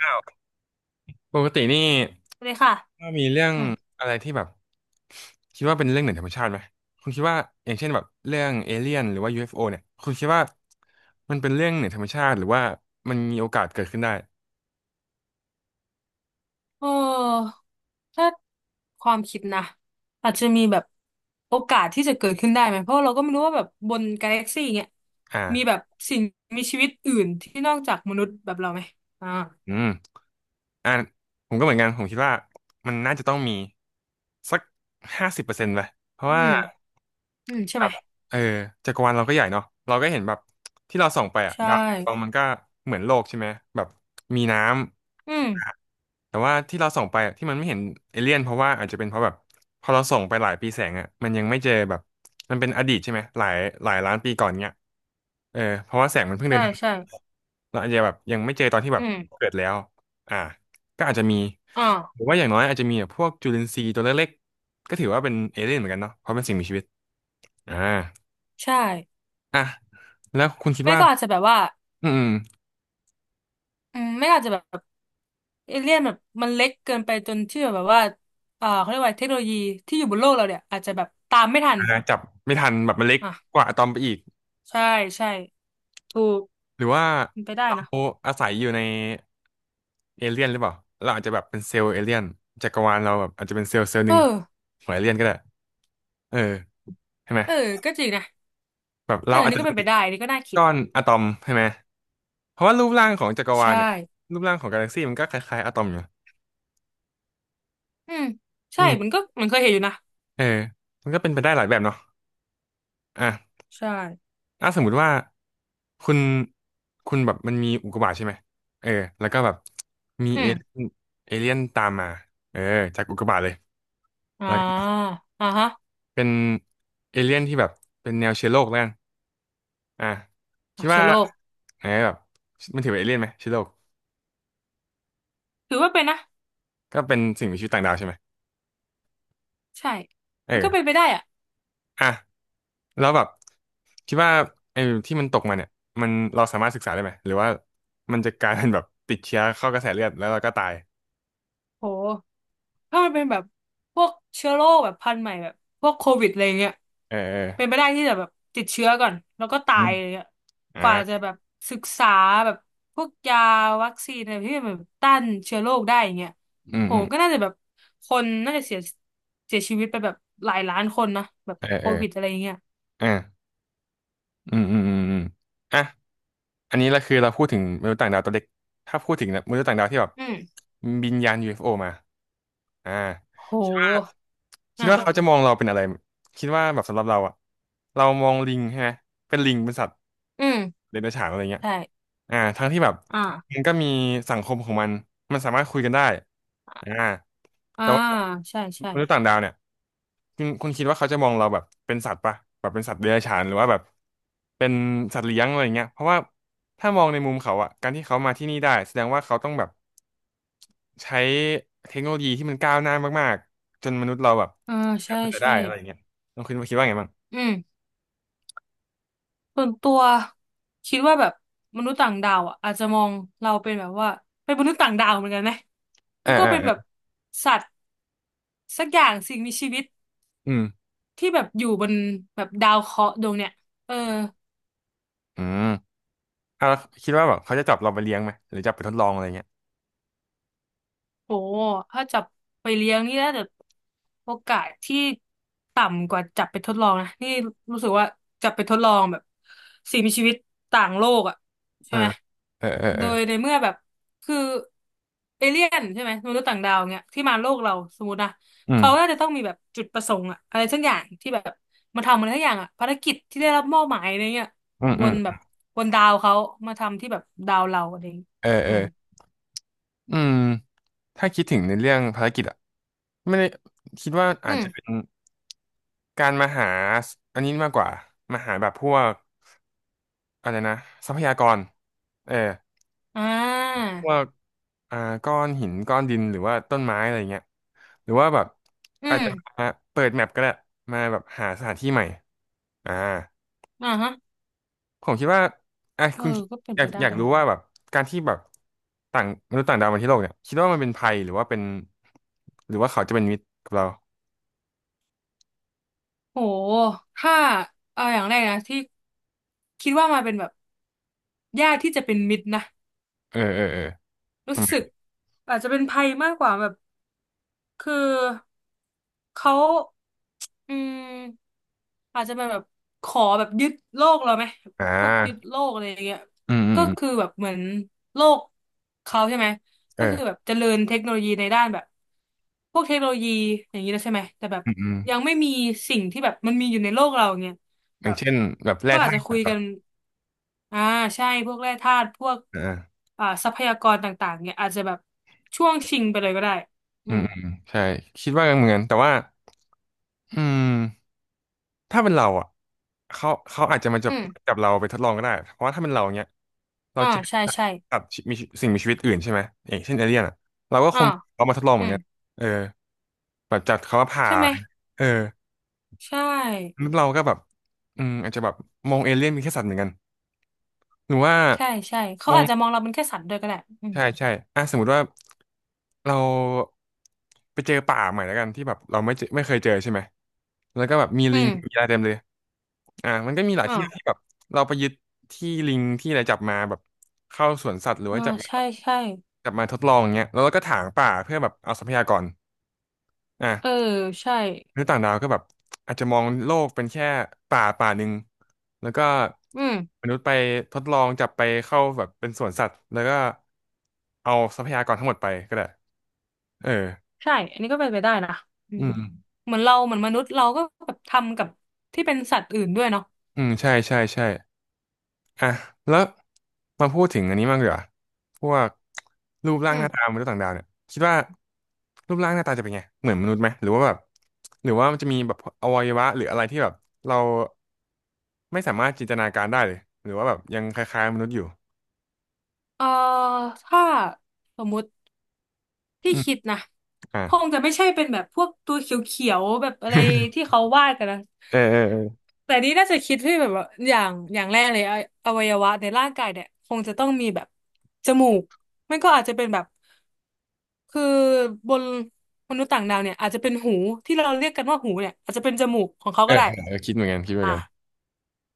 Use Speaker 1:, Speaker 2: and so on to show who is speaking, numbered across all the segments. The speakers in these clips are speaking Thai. Speaker 1: อ้าวปกตินี่
Speaker 2: เลยค่ะ
Speaker 1: ว่ามีเรื่อง
Speaker 2: อืม
Speaker 1: อะไรที่แบบคิดว่าเป็นเรื่องเหนือธรรมชาติไหมคุณคิดว่าอย่างเช่นแบบเรื่องเอเลี่ยนหรือว่า u โอเนี่ยคุณคิดว่ามันเป็นเรื่องเหนือธรรมชาติหรือว่ามันมีโอกาสเกิดขึ้นได้
Speaker 2: เออถ้าความคิดนะอาจจะมีแบบโอกาสที่จะเกิดขึ้นได้ไหมเพราะเราก็ไม่รู้ว่าแบบบนกาแล็กซี่เงี้ย
Speaker 1: อ่า
Speaker 2: มีแบบสิ่งมีชีวิตอื่นที่นอกจากมนุษย์แบบเราไหมอ่า
Speaker 1: อืมอ่าผมก็เหมือนกันผมคิดว่ามันน่าจะต้องมีสัก50%ไปเพราะ
Speaker 2: อื
Speaker 1: ว่า
Speaker 2: มอืมใช่
Speaker 1: แบ
Speaker 2: ไหม
Speaker 1: บเออจักรวาลเราก็ใหญ่เนาะเราก็เห็นแบบที่เราส่องไปอะ
Speaker 2: ใช่
Speaker 1: ดาวดวงมันก็เหมือนโลกใช่ไหมแบบมีน้
Speaker 2: อืม
Speaker 1: ำ แต่ว่าที่เราส่งไปอะที่มันไม่เห็นเอเลี่ยนเพราะว่าอาจจะเป็นเพราะแบบพอเราส่งไปหลายปีแสงอ่ะมันยังไม่เจอแบบมันเป็นอดีตใช่ไหมหลายล้านปีก่อนเนี้ยเพราะว่าแสงมันเพิ่งเดิ
Speaker 2: ใช่
Speaker 1: นทาง
Speaker 2: ใช่
Speaker 1: เราอาจจะแบบยังไม่เจอตอนที่แบ
Speaker 2: อื
Speaker 1: บ
Speaker 2: ม
Speaker 1: เกิดแล้วอ่าก็อาจจะมี
Speaker 2: อ่า
Speaker 1: หรือว่าอย่างน้อยอาจจะมีแบบพวกจุลินทรีย์ตัวเล็กๆก็ถือว่าเป็นเอเลี่ยนเหมือนกันเนาะเพราะเป็นสิ่งมีชีวิตอ่า
Speaker 2: ใช่
Speaker 1: อ่ะแล้วคุณคิด
Speaker 2: ไม่
Speaker 1: ว่า
Speaker 2: ก็อาจจะแบบว่า
Speaker 1: อืมอืม
Speaker 2: อืมไม่ก็อาจจะแบบเอเลี่ยนแบบมันเล็กเกินไปจนที่แบบว่าเขาเรียกว่าเทคโนโลยีที่อยู่บนโลกเราเนี่ยอาจจะแบบตามไม่ทัน
Speaker 1: อ่าจับไม่ทันแบบมันเล็ก
Speaker 2: อ่ะ
Speaker 1: กว่าอะตอมไปอีก
Speaker 2: ใช่ใช่ถูก
Speaker 1: หรือว่า
Speaker 2: เป็นไปได้
Speaker 1: เรา
Speaker 2: นะ
Speaker 1: อาศัยอยู่ในเอเลี่ยนหรือเปล่าเราอาจจะแบบเป็นเซลล์เอเลี่ยนจักรวาลเราแบบอาจจะเป็นเซลล์เซลล์ห
Speaker 2: เอ
Speaker 1: นึ่ง
Speaker 2: อ
Speaker 1: ของเอเลี่ยนก็ได้เออใช่ไหม
Speaker 2: เออก็จริงนะ
Speaker 1: แบบ
Speaker 2: เออ
Speaker 1: เราอาจ
Speaker 2: นี่
Speaker 1: จะ
Speaker 2: ก็เป็
Speaker 1: เป็
Speaker 2: น
Speaker 1: น
Speaker 2: ไปได้นี่ก็น่าคิด
Speaker 1: ก้อนอะตอมใช่ไหมเพราะว่ารูปร่างของจักรวา
Speaker 2: ใช่
Speaker 1: ลเนี่ยรูปร่างของกาแล็กซี่มันก็คล้ายๆอะตอมอยู่
Speaker 2: อืม
Speaker 1: อื
Speaker 2: ใช่
Speaker 1: ม
Speaker 2: มันก็มันเคยเห็นอยู่นะ
Speaker 1: เออมันก็เป็นไปได้หลายแบบเนาะอ่ะ
Speaker 2: ใช่
Speaker 1: ถ้าสมมุติว่าคุณคุณแบบมันมีอุกกาบาตใช่ไหมเออแล้วก็แบบมี
Speaker 2: อื
Speaker 1: เอเลี่ย
Speaker 2: ม
Speaker 1: นตามมาเออจากอุกกาบาตเลย
Speaker 2: อ่าอ่าฮะ
Speaker 1: เป็นเอเลี่ยนที่แบบเป็นแนวเชื้อโรคแล้วกันอ่ะคิ
Speaker 2: อ่า
Speaker 1: ด
Speaker 2: เชื้
Speaker 1: ว่า
Speaker 2: อโรค
Speaker 1: ไงแบบมันถือเป็นเอเลี่ยนไหมเชื้อโรค
Speaker 2: ถือว่าเป็นนะ
Speaker 1: ก็เป็นสิ่งมีชีวิตต่างดาวใช่ไหม
Speaker 2: ใช่
Speaker 1: เอ
Speaker 2: มัน
Speaker 1: อ
Speaker 2: ก็เป็นไปได้อะ
Speaker 1: อ่ะแล้วแบบคิดว่าไอ้ที่มันตกมาเนี่ยมันเราสามารถศึกษาได้ไหมหรือว่ามันจะกลายเป็นแบบติดเชื้อเข้ากระแสเลือดแล้วเราก็ตาย
Speaker 2: โหถ้ามันเป็นแบบพวกเชื้อโรคแบบพันธุ์ใหม่แบบพวกโควิดอะไรเงี้ย
Speaker 1: เออเออ
Speaker 2: เป็นไปได้ที่จะแบบติดเชื้อก่อนแล้วก็ตา
Speaker 1: อื
Speaker 2: ย
Speaker 1: ม
Speaker 2: อะไรเงี้ย
Speaker 1: อ่า
Speaker 2: กว่าจะแบบศึกษาแบบพวกยาวัคซีนอะไรที่มันแบบต้านเชื้อโรคได้อย่างเงี้ย
Speaker 1: อืม
Speaker 2: โห
Speaker 1: อืม
Speaker 2: ก็น่าจะแบบคนน่าจะเสียเสียชีวิตไปแบบหลายล้านคนนะแบบ
Speaker 1: เออ
Speaker 2: โค
Speaker 1: เออ
Speaker 2: วิดอะไรเงี้ย
Speaker 1: เอออืมอืมอืมอืมอ่ะ อันนี้เราคือเราพูดถึงมนุษย์ต่างดาวตัวเล็กถ้าพูดถึงมนุษย์ต่างดาวที่แบบ
Speaker 2: อืม
Speaker 1: บินยาน UFO มาอ่า
Speaker 2: โ
Speaker 1: คิดว่า
Speaker 2: ห
Speaker 1: คิด
Speaker 2: อ่า
Speaker 1: ว่า
Speaker 2: อ่า
Speaker 1: เขาจะมองเราเป็นอะไร คิดว่าแบบสำหรับเราอะเรามองลิงใช่ไหมเป็นลิงเป็นสัตว์
Speaker 2: อืม
Speaker 1: เดรัจฉานอะไรเงี้ย
Speaker 2: ใช่
Speaker 1: ทั้งที่แบบ
Speaker 2: อ่า
Speaker 1: มันก็มีสังคมของมันมันสามารถคุยกันได้อ่า
Speaker 2: อ่า
Speaker 1: แต่ว่า
Speaker 2: ใช่ใช่
Speaker 1: มนุษย์ต่างดาวเนี่ยคุณคิดว่าเขาจะมองเราแบบเป็นสัตว์ปะแบบเป็นสัตว์เดรัจฉานหรือว่าแบบเป็นสัตว์เลี้ยงอะไรเงี้ยเพราะว่าถ้ามองในมุมเขาอะการที่เขามาที่นี่ได้แสดงว่าเขาต้องแบบใช้เทคโนโลยีที่มันก้าวหน้ามากๆจนมนุษย์เราแบบ
Speaker 2: อ่า
Speaker 1: หา
Speaker 2: ใช่
Speaker 1: เขาจะได้
Speaker 2: ใช่
Speaker 1: อะไรเงี้ย น้องคุณคิดว่าไงบ้าง
Speaker 2: อืม ส่วนตัวคิดว่าแบบมนุษย์ต่างดาวอ่ะอาจจะมองเราเป็นแบบว่าเป็นมนุษย์ต่างดาวเหมือนกันนะ
Speaker 1: อ่า
Speaker 2: นี่ก็
Speaker 1: อ่า
Speaker 2: เป็นแบบ
Speaker 1: อ่า
Speaker 2: สัตว์สักอย่างสิ่งมีชีวิต
Speaker 1: อืม
Speaker 2: ที่แบบอยู่บนแบบดาวเคราะห์ดวงเนี้ยเออ
Speaker 1: อืมแล้วคิดว่าแบบเขาจะจับเราไปเลี้ยงไหมหรือจับไปทดลองอะไรเงี้ย
Speaker 2: โอ้ถ้าจับไปเลี้ยงนี่น่าจะโอกาสที่ต่ำกว่าจับไปทดลองนะนี่รู้สึกว่าจับไปทดลองแบบสิ่งมีชีวิตต่างโลกอ่ะ
Speaker 1: เอ
Speaker 2: ใช่
Speaker 1: อ
Speaker 2: ไหม
Speaker 1: เออเออเอ
Speaker 2: โด
Speaker 1: อ
Speaker 2: ยในเมื่อแบบคือเอเลี่ยนใช่ไหมมนุษย์ต่างดาวเงี้ยที่มาโลกเราสมมตินะ
Speaker 1: อื
Speaker 2: เขาน่า
Speaker 1: ม
Speaker 2: จะต้องมีแบบจุดประสงค์อะอะไรสักอย่างที่แบบมาทำอะไรสักอย่างอะภารกิจที่ได้รับมอบหมายอะไรเงี้ย
Speaker 1: อืม
Speaker 2: บ
Speaker 1: อืม
Speaker 2: นแบบบนดาวเขามาทำที่แบบดาวเราอะไรอย่างเงี้ย
Speaker 1: เออเอ
Speaker 2: อืม
Speaker 1: ออืมถ้าคิดถึงในเรื่องภารกิจอะไม่ได้คิดว่า
Speaker 2: อื
Speaker 1: อาจ
Speaker 2: ม
Speaker 1: จะเป็นการมาหาอันนี้มากกว่า มาหาแบบพวกอะไรนะทรัพยากรเออ
Speaker 2: อ่
Speaker 1: พวก
Speaker 2: า
Speaker 1: อ่าก้อนหินก้อนดินหรือว่าต้นไม้อะไรเงี้ยหรือว่าแบบ
Speaker 2: อื
Speaker 1: อาจ
Speaker 2: ม
Speaker 1: จะมาเปิดแมปก็ได้มาแบบหาสถานที่ใหม่อ่า
Speaker 2: อ่าฮะ
Speaker 1: ผมคิดว่าอ่ะ
Speaker 2: เออ
Speaker 1: คุณ
Speaker 2: ก็เป็น
Speaker 1: อยา
Speaker 2: ไป
Speaker 1: ก
Speaker 2: ได้
Speaker 1: อยากรู้
Speaker 2: นะ
Speaker 1: ว่าแบบการที่แบบต่างมนุษย์ต่างดาวมาที่โลกเนี่ยคิดว่ามันเป็นภัยหรือว่าเป็นหรือว่าเขาจะเป็นมิตรกับเรา
Speaker 2: โหถ้าเอาอย่างแรกนะที่คิดว่ามาเป็นแบบญาติที่จะเป็นมิตรนะ
Speaker 1: เออเออเออ
Speaker 2: รู้
Speaker 1: ทำไม
Speaker 2: สึกอาจจะเป็นภัยมากกว่าแบบ คือเขาอืมอาจจะเป็นแบบขอแบบยึดโลกเราไหม
Speaker 1: อ่า
Speaker 2: พวกยึดโลกอะไรอย่างเงี้ย
Speaker 1: อืมอืม
Speaker 2: ก็
Speaker 1: อืม
Speaker 2: คือแบบเหมือนโลกเขาใช่ไหม
Speaker 1: เอ
Speaker 2: ก็คื
Speaker 1: อ
Speaker 2: อแบบเจริญเทคโนโลยีในด้านแบบพวกเทคโนโลยีอย่างนี้แล้วใช่ไหมแต่แบบ
Speaker 1: อืมอืม
Speaker 2: ยังไม่มีสิ่งที่แบบมันมีอยู่ในโลกเราอย่างเงี้ย
Speaker 1: อ
Speaker 2: แบ
Speaker 1: ย่าง
Speaker 2: บ
Speaker 1: เช่นแบบแร่
Speaker 2: ก็อาจ
Speaker 1: ธา
Speaker 2: จะ
Speaker 1: ตุ
Speaker 2: คุ
Speaker 1: อ่ะ
Speaker 2: ย
Speaker 1: อา
Speaker 2: กันอ่าใช่พวกแร่ธาตุพวกอ่าทรัพยากรต่างๆเนี่ยอาจจะแบบช่วงชิงไปเลยก็ได้อื
Speaker 1: อื
Speaker 2: ม
Speaker 1: มอืมใช่คิดว่าเหมือนกันแต่ว่าอืมถ้าเป็นเราอ่ะเขาอาจจะมาจั
Speaker 2: อื
Speaker 1: บ
Speaker 2: ม
Speaker 1: จับเราไปทดลองก็ได้เพราะว่าถ้าเป็นเราเนี้ยเรา
Speaker 2: อ่า
Speaker 1: จะ
Speaker 2: ใช่
Speaker 1: ตัด
Speaker 2: ใช่
Speaker 1: ตัดมีสิ่งมีชีวิตอื่นใช่ไหมอย่างเช่นเอเลี่ยนอ่ะเราก็ค
Speaker 2: อ่า
Speaker 1: งเอามาทดลองเห
Speaker 2: อื
Speaker 1: มือน
Speaker 2: ม
Speaker 1: กันเออ แบบจัดเขาว่าผ่า
Speaker 2: ใช่ไหม
Speaker 1: เออ
Speaker 2: ใช่
Speaker 1: แล้วเราก็แบบอืมอาจจะแบบมองเอเลี่ยนเป็นแค่สัตว์เหมือนกันหรือว่า
Speaker 2: ใช่ใช่ เขา
Speaker 1: มอง
Speaker 2: อาจจะมองเราเป็นแค่สัตว์ด้วยก็ได้อืม
Speaker 1: ใช่ใช่อ่ะสมมติว่าเราไปเจอป่าใหม่แล้วกันที่แบบเราไม่เจอไม่เคยเจอใช่ไหมแล้วก็แบบมี
Speaker 2: อื
Speaker 1: ลิง
Speaker 2: ม
Speaker 1: มีอะไรเต็มเลยอ่ะมันก็มีหลายที่ที่
Speaker 2: อ่า
Speaker 1: แบบเราไปยึดที่ลิงที่อะไรจับมาแบบเข้าสวนสัตว์หรือ
Speaker 2: อ่า
Speaker 1: ว่าจับมา
Speaker 2: ใช่ ใช่
Speaker 1: จับมาทดลองอย่างเงี้ยแล้วเราก็ถางป่าเพื่อแบบเอาทรัพยากร
Speaker 2: เออ
Speaker 1: อ่ะ
Speaker 2: ใช่
Speaker 1: มนุษย์ต่างดาวก็แบบอาจจะมองโลกเป็นแค่ป่าป่าหนึ่งแล้วก็
Speaker 2: อืม
Speaker 1: มนุษย์ไปทดลองจับไปเข้าแบบเป็นสวนสัตว์แล้วก็เอาทรัพยากรทั้งหมดไปก็ได้เออ
Speaker 2: ใช่ อันนี้ก็เป็นไปได้นะอื
Speaker 1: อื
Speaker 2: ม
Speaker 1: ม
Speaker 2: เหมือนเราเหมือนมนุษย์เราก็แบบทำกับที่เป็นสัตว์อื่นด้วยเนาะ
Speaker 1: อืมใช่ใช่ใช่ อ่ะแล้วมาพูดถึงอันนี้มากดีกว่าพวกรูปร่า
Speaker 2: อื
Speaker 1: งห
Speaker 2: ม
Speaker 1: น้าตามนุษย์ต่างดาวเนี่ยคิดว่ารูปร่างหน้าตาจะเป็นไงเหมือนมนุษย์ไหมหรือว่าแบบหรือว่ามันจะมีแบบอวัยวะหรืออะไรที่แบบเราไม่สามารถจินตนาการได้เลยหรือว่าแบบยังคล้ายๆมนุษย์อยู่
Speaker 2: เอ่อถ้าสมมุติ ที่
Speaker 1: อืม
Speaker 2: คิดนะ
Speaker 1: อ่า
Speaker 2: คงจะไม่ใช่เป็นแบบพวกตัวเขียวๆแบบอะไร ที่เขาวาดกันนะ
Speaker 1: เออเออเออ
Speaker 2: แต่นี่น่าจะคิดที่แบบว่าอย่างอย่างแรกเลยออวัยวะในร่างกายเนี่ยคงจะต้องมีแบบจมูกไม่ก็อาจจะเป็นแบบคือบนมนุษย์ต่างดาวเนี่ยอาจจะเป็นหูที่เราเรียกกันว่าหูเนี่ยอาจจะเป็นจมูกของเขา
Speaker 1: เออ
Speaker 2: ก็ได้
Speaker 1: เออเออคิดเหมือนกันคิดเหมือ
Speaker 2: อ่ะ
Speaker 1: นกัน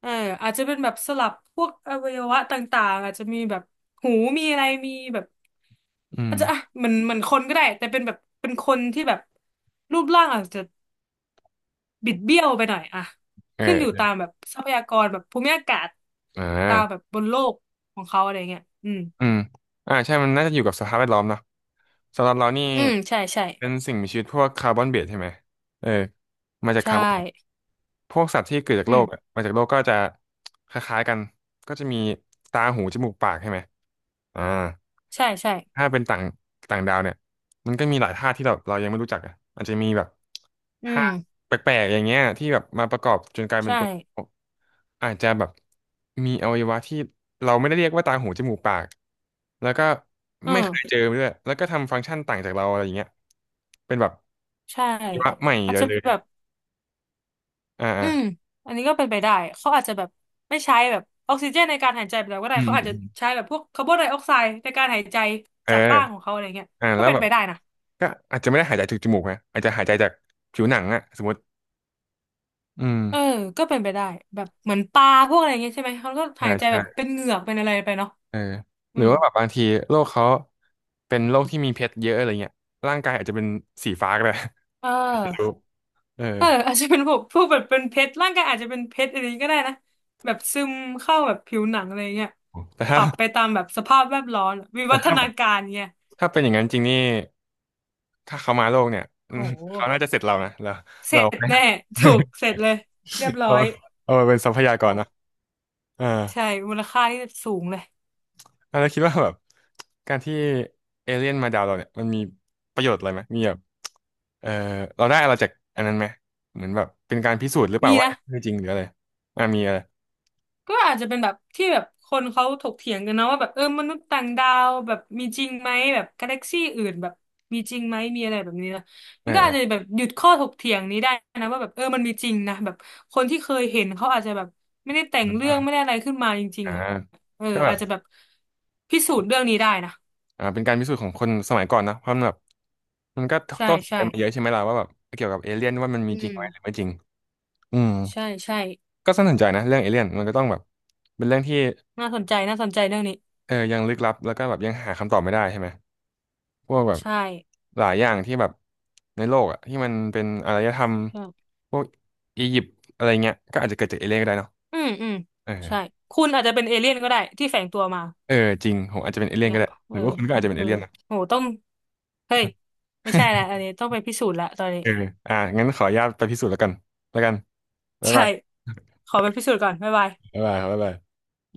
Speaker 2: เอออาจจะเป็นแบบสลับพวกอวัยวะต่างๆอาจจะมีแบบหูมีอะไรมีแบบ
Speaker 1: อื
Speaker 2: อา
Speaker 1: ม
Speaker 2: จจะอ่ะเหมือนเหมือนคนก็ได้แต่เป็นแบบเป็นคนที่แบบรูปร่างอาจจะบิดเบี้ยวไปหน่อยอะ
Speaker 1: เออ
Speaker 2: ขึ้นอยู่ตามแบบทรัพยากรแบบภูมิอากาศ
Speaker 1: อ่
Speaker 2: ตามแบบ
Speaker 1: า
Speaker 2: บนโลกของเขาอะไรเงี้ยอืม
Speaker 1: อืมใช่มันน่าจะอยู่กับสภาพแวดล้อมเนาะสำหรับเรานี่
Speaker 2: อืมใช่ใช่
Speaker 1: เป็นสิ่งมีชีวิตพวกคาร์บอนเบสใช่ไหมเออมาจาก
Speaker 2: ใช่
Speaker 1: คาร์บอน พวกสัตว์ที่เกิดจาก
Speaker 2: อื
Speaker 1: โล
Speaker 2: ม
Speaker 1: กอะมาจากโลกก็จะคล้ายๆกันก็จะมีตาหูจมูกปากใช่ไหมอ่า
Speaker 2: ใช่ใช่
Speaker 1: ถ้าเป็นต่างต่างดาวเนี่ยมันก็มีหลายธาตุที่เรายังไม่รู้จักอ่ะอาจจะมีแบบ
Speaker 2: อื
Speaker 1: ธา
Speaker 2: ม
Speaker 1: ตุแปลกๆอย่างเงี้ยที่แบบมาประกอบจนกลายเป็น
Speaker 2: ใช่
Speaker 1: ตัวอาจจะแบบมีอวัยวะที่เราไม่ได้เรียกว่าตาหูจมูกปากแล้วก็
Speaker 2: เอ
Speaker 1: ไม่
Speaker 2: อ
Speaker 1: เคยเจอด้วยแล้วก็ทำฟังก์ชันต่างจากเราอะไรอย่างเงี้ยเป็นแบบ
Speaker 2: ใช่
Speaker 1: อวัยวะใหม่
Speaker 2: อาจ
Speaker 1: เลย
Speaker 2: จะ
Speaker 1: เลย
Speaker 2: แบบ
Speaker 1: อ่า
Speaker 2: อื
Speaker 1: อ่า
Speaker 2: มอันนี้ก็เป็นไปได้เขาอาจจะแบบไม่ใช้แบบออกซิเจนในการหายใจไปแล้วก็ได้
Speaker 1: อื
Speaker 2: เขาอาจจะ
Speaker 1: ม
Speaker 2: ใช้แบบพวกคาร์บอนไดออกไซด์ในการหายใจ
Speaker 1: เ
Speaker 2: จากร่างขอ
Speaker 1: ออ
Speaker 2: งเขาอะไรเงี้ยก็
Speaker 1: แล้ว
Speaker 2: เป็น
Speaker 1: แบบ
Speaker 2: ไปได้นะ
Speaker 1: ก็อาจจะไม่ได้หายใจจากจมูกนะอาจจะหายใจจากผิวหนังอะสมมติอืม
Speaker 2: เออก็เป็นไปได้แบบเหมือนปลาพวกอะไรเงี้ยใช่ไหมเขาก็
Speaker 1: ใช่
Speaker 2: หายใจ
Speaker 1: ใช่
Speaker 2: แบบเป็นเหงือกเป็นอะไรไปเนาะ
Speaker 1: เออห
Speaker 2: อื
Speaker 1: รือ
Speaker 2: ม
Speaker 1: ว่าแบบบางทีโรคเขาเป็นโรคที่มีเพชรเยอะอะไรเงี้ยร่างกายอาจจะเป็นสีฟ้าก็ได้
Speaker 2: เออ
Speaker 1: ไม่รู้เออ
Speaker 2: เอออาจจะเป็นพวกพวกแบบเป็นเพชรร่างกายอาจจะเป็นเพชรอะไรอย่างนี้ก็ได้นะแบบซึมเข้าแบบผิวหนังอะไรเงี้ย
Speaker 1: แต่
Speaker 2: ป
Speaker 1: ถ้า
Speaker 2: รับไปตามแบบสภาพแวดล้อมวิ
Speaker 1: แต่
Speaker 2: วัฒ
Speaker 1: ถ้า
Speaker 2: นาการเงี้ย
Speaker 1: ถ้าเป็นอย่างนั้นจริงนี่ถ้าเขามาโลกเนี่ย อื
Speaker 2: โห
Speaker 1: มเขาน่าจะเสร็จเรานะเรา
Speaker 2: เสร็
Speaker 1: เรา
Speaker 2: จแน่ถูกเสร็จเลยเรียบ ร้อ
Speaker 1: เรา
Speaker 2: ย
Speaker 1: เอามาเป็นทรัพยากร
Speaker 2: โอ้
Speaker 1: นะเออ
Speaker 2: ใช่มูลค่าที่สูงเลย
Speaker 1: อ่ะแล้วคิดว่าแบบการที่เอเลี่ยนมาดาวเราเนี่ยมันมีประโยชน์อะไรไหมมีแบบเออเราได้อะไรจากอันนั้นไหมเหมือนแบบเป็นการพิสูจน์หรือเปล่า
Speaker 2: มี
Speaker 1: ว่า
Speaker 2: นะ
Speaker 1: คือจริงหรืออะไรอ่ะมีอะไร
Speaker 2: ก็อาจจะเป็นแบบที่แบบคนเขาถกเถียงกันนะว่าแบบเออมนุษย์ต่างดาวแบบมีจริงไหมแบบกาแล็กซี่อื่นแบบมีจริงไหมมีอะไรแบบนี้นะ
Speaker 1: เอ
Speaker 2: มั
Speaker 1: อ
Speaker 2: นก็
Speaker 1: เอ
Speaker 2: อา
Speaker 1: อ
Speaker 2: จจะแบบหยุดข้อถกเถียงนี้ได้นะว่าแบบเออมันมีจริงนะแบบคนที่เคยเห็นเขาอาจจะแบบไม่ได้แต่งเรื่องไม่ได้อะไรขึ้นมาจริง
Speaker 1: อ่า
Speaker 2: ๆอ่ะ
Speaker 1: ก็แบ
Speaker 2: อา
Speaker 1: บ
Speaker 2: จจะแบบพิสูจน์เรื่องนี้ได้นะ
Speaker 1: เป็นการพิสูจน์ของคนสมัยก่อนนะเพราะมันแบบมันก็
Speaker 2: ใช่
Speaker 1: ต้อง
Speaker 2: ใช่
Speaker 1: กันมาเยอะใช่ไหมล่ะว่าแบบเกี่ยวกับเอเลี่ยนว่ามันมี
Speaker 2: อื
Speaker 1: จริง
Speaker 2: ม
Speaker 1: ไหมหรือไม่จริงอืม
Speaker 2: ใช่ใช่
Speaker 1: ก็สนใจนะเรื่องเอเลี่ยนมันก็ต้องแบบเป็นเรื่องที่
Speaker 2: น่าสนใจน่าสนใจเรื่องนี้
Speaker 1: เออยังลึกลับแล้วก็แบบยังหาคำตอบไม่ได้ใช่ไหม พวกแบบ
Speaker 2: ใช่
Speaker 1: หลายอย่างที่แบบในโลกอะที่มันเป็นอารยธรรม
Speaker 2: ใช่
Speaker 1: พวกอียิปต์อะไรเงี้ยก็อาจจะเกิดจากเอเลี่ยนก็ได้เนาะ
Speaker 2: อืมอืม
Speaker 1: เออ
Speaker 2: ใช่คุณอาจจะเป็นเอเลี่ยนก็ได้ที่แฝงตัวมา
Speaker 1: เออจริงผมอาจจะเป็นเอเลี่ยน
Speaker 2: เนี่
Speaker 1: ก็
Speaker 2: ย
Speaker 1: ได้ห
Speaker 2: เอ
Speaker 1: รื
Speaker 2: อ
Speaker 1: อว่าคุณก็อาจจะเป็น
Speaker 2: เอ
Speaker 1: เอ
Speaker 2: อ
Speaker 1: เลี่ยนนะ
Speaker 2: โหต้องเฮ้ย ไม่ใช่ละอันนี้ต้องไปพิสูจน์ละตอนนี้
Speaker 1: เอออ่ะงั้นขออนุญาตไปพิสูจน์แล้วกันแล้วกัน บ๊าย
Speaker 2: ใช่
Speaker 1: บาย
Speaker 2: ขอไปพิสูจน์ก่อนบ๊ายบาย
Speaker 1: บ๊ายบายครับบ๊ายบาย